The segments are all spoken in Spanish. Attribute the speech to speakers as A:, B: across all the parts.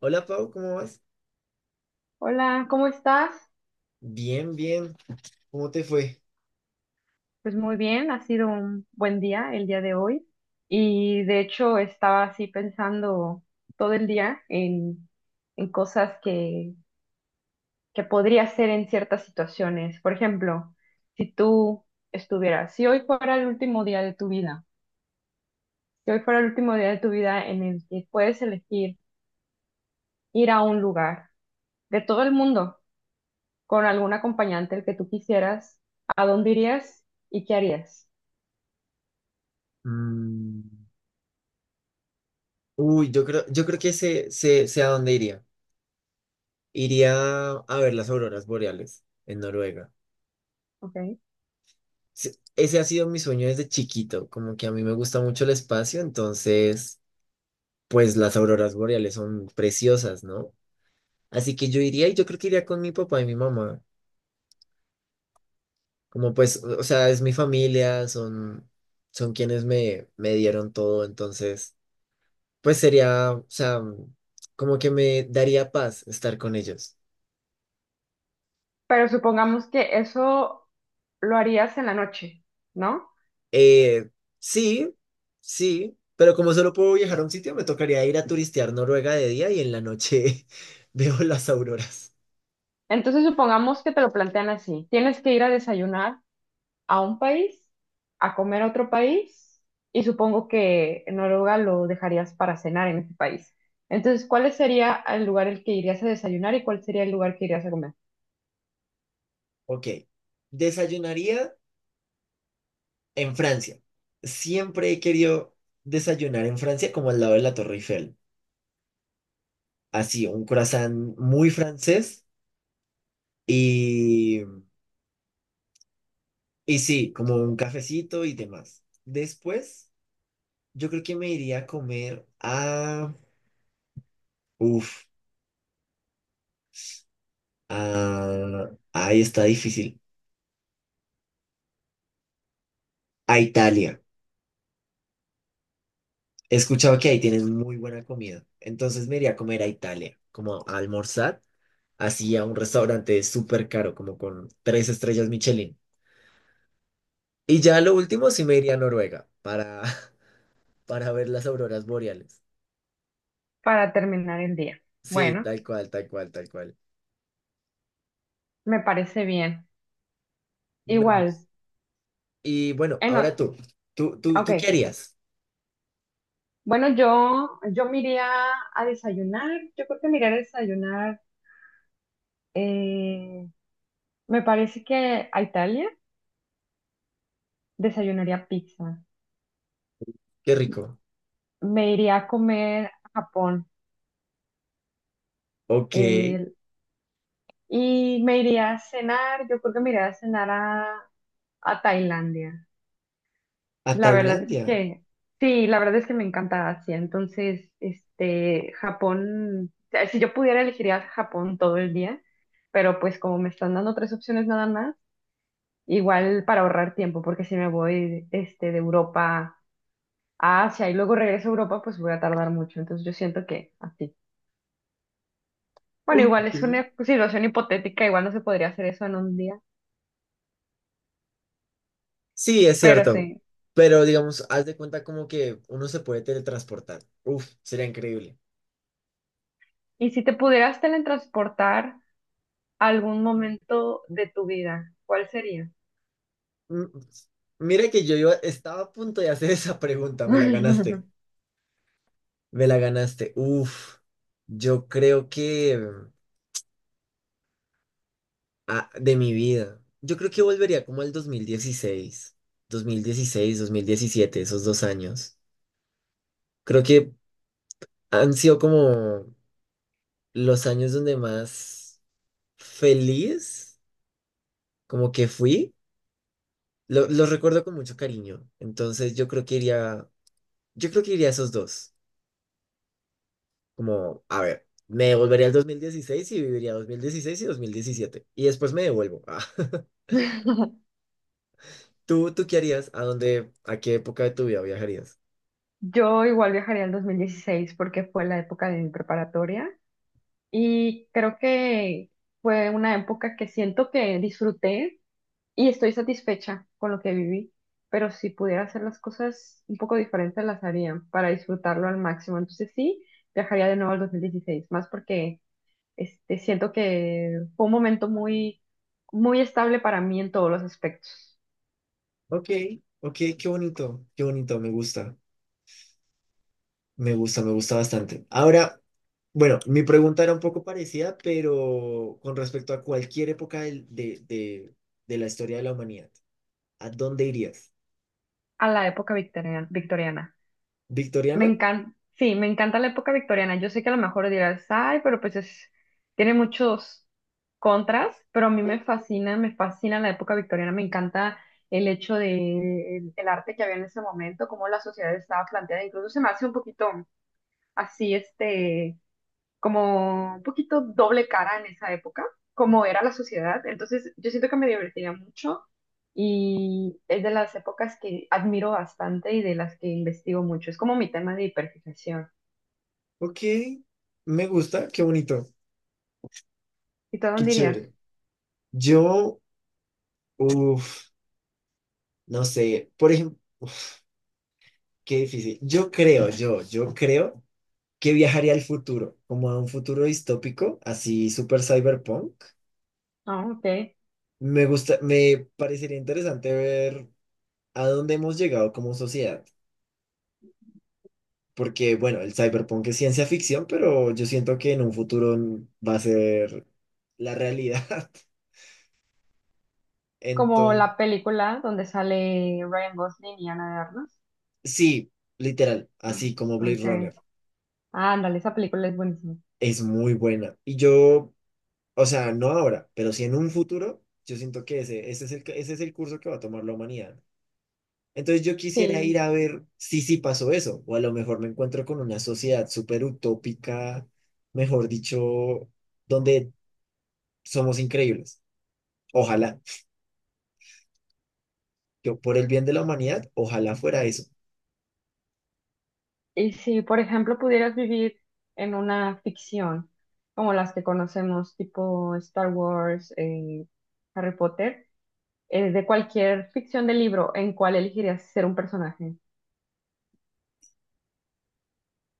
A: Hola Pau, ¿cómo vas?
B: Hola, ¿cómo estás?
A: Bien, bien. ¿Cómo te fue?
B: Pues muy bien, ha sido un buen día el día de hoy y de hecho estaba así pensando todo el día en cosas que podría hacer en ciertas situaciones. Por ejemplo, si tú estuvieras, si hoy fuera el último día de tu vida, si hoy fuera el último día de tu vida en el que puedes elegir ir a un lugar de todo el mundo con algún acompañante el que tú quisieras, ¿a dónde irías y qué harías?
A: Mm. Uy, yo creo que sé a dónde iría. Iría a ver las auroras boreales en Noruega.
B: ¿Ok?
A: Sí, ese ha sido mi sueño desde chiquito, como que a mí me gusta mucho el espacio, entonces pues las auroras boreales son preciosas, ¿no? Así que yo iría, y yo creo que iría con mi papá y mi mamá. Como pues, o sea, es mi familia, son quienes me dieron todo, entonces... Pues sería, o sea, como que me daría paz estar con ellos.
B: Pero supongamos que eso lo harías en la noche, ¿no?
A: Eh, sí, sí, pero como solo puedo viajar a un sitio, me tocaría ir a turistear Noruega de día y en la noche veo las auroras.
B: Entonces supongamos que te lo plantean así. Tienes que ir a desayunar a un país, a comer a otro país, y supongo que en Noruega lo dejarías para cenar en ese país. Entonces, ¿cuál sería el lugar el que irías a desayunar y cuál sería el lugar que irías a comer
A: Ok, desayunaría en Francia. Siempre he querido desayunar en Francia como al lado de la Torre Eiffel. Así, un croissant muy francés y, y sí, como un cafecito y demás. Después... Yo creo que me iría a comer a... Uf, a... Ahí está difícil. A Italia. He escuchado que ahí tienen muy buena comida. Entonces me iría a comer a Italia, como a almorzar, así a un restaurante súper caro, como con tres estrellas Michelin. Y ya lo último sí me iría a Noruega para, para ver las auroras boreales.
B: para terminar el día?
A: Sí,
B: Bueno,
A: tal cual, tal cual, tal cual.
B: me parece bien.
A: Me gusta.
B: Igual,
A: Y bueno,
B: en,
A: ahora
B: o-
A: tú. ¿Tú, tú,
B: ok.
A: tú qué harías?
B: Bueno, yo me iría a desayunar. Yo creo que me iría a desayunar. Eh, Me parece que a Italia desayunaría pizza.
A: Qué rico.
B: Me iría a comer a Japón.
A: Ok.
B: eh, y me iría a cenar, yo creo que me iría a cenar a Tailandia.
A: A
B: La verdad es
A: Tailandia.
B: que, sí, la verdad es que me encanta Asia. Entonces, este, Japón, o sea, si yo pudiera elegiría Japón todo el día, pero pues como me están dando tres opciones nada más, igual para ahorrar tiempo, porque si me voy este, de Europa a Asia y luego regreso a Europa, pues voy a tardar mucho. Entonces yo siento que así. Bueno, igual
A: Ok.
B: es una situación hipotética, igual no se podría hacer eso en un día,
A: Sí, es
B: pero
A: cierto.
B: sí.
A: Pero digamos, haz de cuenta como que uno se puede teletransportar. Uf, sería increíble.
B: Y si te pudieras teletransportar a algún momento de tu vida, ¿cuál sería?
A: Mm. Mira que estaba a punto de hacer esa pregunta, me la ganaste. Me la ganaste. Uf, yo creo que de mi vida. Yo creo que volvería como al dos mil dieciséis, 2016, 2017, esos dos años. Creo que han sido como los años donde más feliz como que fui. Los recuerdo con mucho cariño. Entonces yo creo que iría a esos dos. Como, a ver, me devolvería al 2016 y viviría 2016 y 2017. Y después me devuelvo. Ah, ¿Tú qué harías? ¿A dónde, a qué época de tu vida viajarías?
B: Yo igual viajaría al 2016 porque fue la época de mi preparatoria y creo que fue una época que siento que disfruté y estoy satisfecha con lo que viví, pero si pudiera hacer las cosas un poco diferentes, las haría para disfrutarlo al máximo. Entonces sí, viajaría de nuevo al 2016, más porque este, siento que fue un momento muy, muy estable para mí en todos los aspectos,
A: Ok, ok, qué bonito, me gusta, me gusta, me gusta bastante. Ahora, bueno, mi pregunta era un poco parecida, pero con respecto a cualquier época de la historia de la humanidad, ¿a dónde irías?
B: a la época victoriana, victoriana. Me
A: ¿Victoriana?
B: encanta, sí, me encanta la época victoriana. Yo sé que a lo mejor dirás, ay, pero pues es, tiene muchos contras, pero a mí me fascina la época victoriana. Me encanta el hecho de el arte que había en ese momento, cómo la sociedad estaba planteada. Incluso se me hace un poquito así, este, como un poquito doble cara en esa época, como era la sociedad. Entonces, yo siento que me divertiría mucho. Y es de las épocas que admiro bastante y de las que investigo mucho. Es como mi tema de hiperfijación.
A: Ok, me gusta, qué bonito,
B: ¿Y tú a
A: qué
B: dónde
A: chévere.
B: irías?
A: Yo, uff, no sé, por ejemplo, qué difícil. Yo creo que viajaría al futuro, como a un futuro distópico, así super cyberpunk.
B: Ah, ok.
A: Me gusta, me parecería interesante ver a dónde hemos llegado como sociedad, porque bueno, el cyberpunk es ciencia ficción, pero yo siento que en un futuro va a ser la realidad.
B: Como
A: Entonces,
B: la película donde sale Ryan Gosling y Ana de Armas.
A: sí, literal,
B: Ah,
A: así como Blade
B: ok.
A: Runner.
B: Ah, ándale, esa película es buenísima.
A: Es muy buena. Y yo, o sea, no ahora, pero sí en un futuro, yo siento que ese es el curso que va a tomar la humanidad. Entonces yo quisiera
B: Sí.
A: ir a ver si sí pasó eso, o a lo mejor me encuentro con una sociedad súper utópica, mejor dicho, donde somos increíbles. Ojalá, yo por el bien de la humanidad, ojalá fuera eso.
B: Y si, por ejemplo, pudieras vivir en una ficción, como las que conocemos, tipo Star Wars, Harry Potter, de cualquier ficción de libro, ¿en cuál elegirías ser un personaje?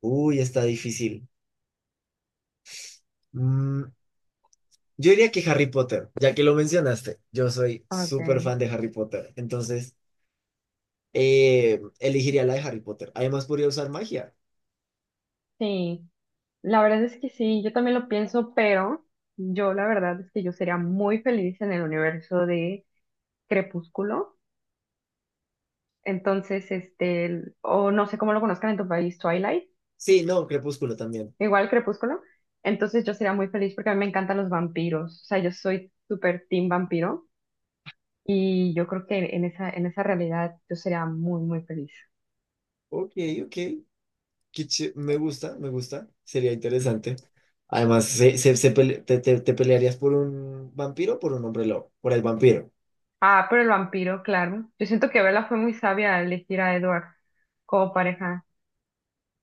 A: Uy, está difícil. Mm, yo diría que Harry Potter, ya que lo mencionaste, yo soy súper
B: Ok.
A: fan de Harry Potter, entonces... elegiría la de Harry Potter. Además, podría usar magia.
B: Sí. La verdad es que sí, yo también lo pienso, pero yo la verdad es que yo sería muy feliz en el universo de Crepúsculo. Entonces, este, el- o no sé cómo lo conozcan en tu país, Twilight,
A: Sí, no, Crepúsculo también.
B: igual Crepúsculo. Entonces yo sería muy feliz porque a mí me encantan los vampiros. O sea, yo soy súper team vampiro y yo creo que en en esa realidad yo sería muy, muy feliz.
A: Ok, ok. Qué ché-. Me gusta, me gusta. Sería interesante. Además, se- se- se pele- te- te pelearías por un vampiro o por un hombre lobo. Por el vampiro.
B: Ah, pero el vampiro, claro. Yo siento que Bella fue muy sabia al elegir a Edward como pareja.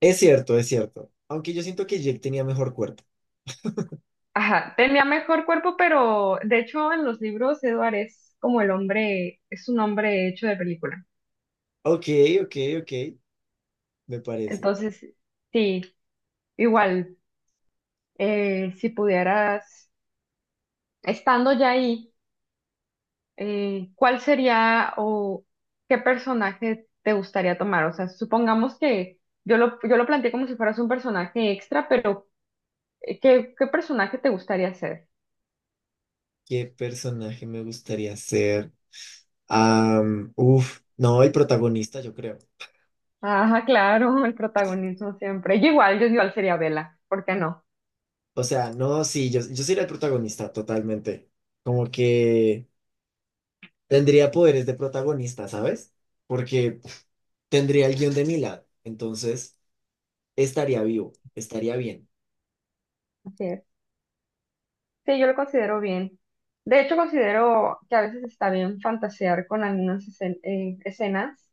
A: Es cierto, es cierto. Aunque yo siento que Jake tenía mejor cuerpo.
B: Ajá, tenía mejor cuerpo, pero de hecho en los libros Edward es como el hombre, es un hombre hecho de película.
A: Ok, ok, ok. Me parece.
B: Entonces, sí, igual, si pudieras, estando ya ahí, ¿cuál sería o qué personaje te gustaría tomar? O sea, supongamos que yo lo planteé como si fueras un personaje extra, pero ¿qué, qué personaje te gustaría ser?
A: ¿Qué personaje me gustaría ser? Am, uf, no, el protagonista, yo creo.
B: Ajá, claro, el protagonismo siempre. Yo igual sería Bella, ¿por qué no?
A: O sea, no, sí, yo sería el protagonista totalmente. Como que tendría poderes de protagonista, ¿sabes? Porque tendría el guión de mi lado. Entonces, estaría vivo, estaría bien.
B: Así es. Sí, yo lo considero bien. De hecho, considero que a veces está bien fantasear con algunas escenas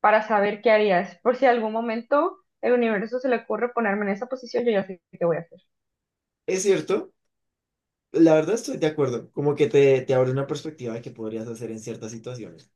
B: para saber qué harías. Por si algún momento el universo se le ocurre ponerme en esa posición, yo ya sé qué voy a hacer.
A: Es cierto, la verdad estoy de acuerdo. Como que te abre una perspectiva de qué podrías hacer en ciertas situaciones.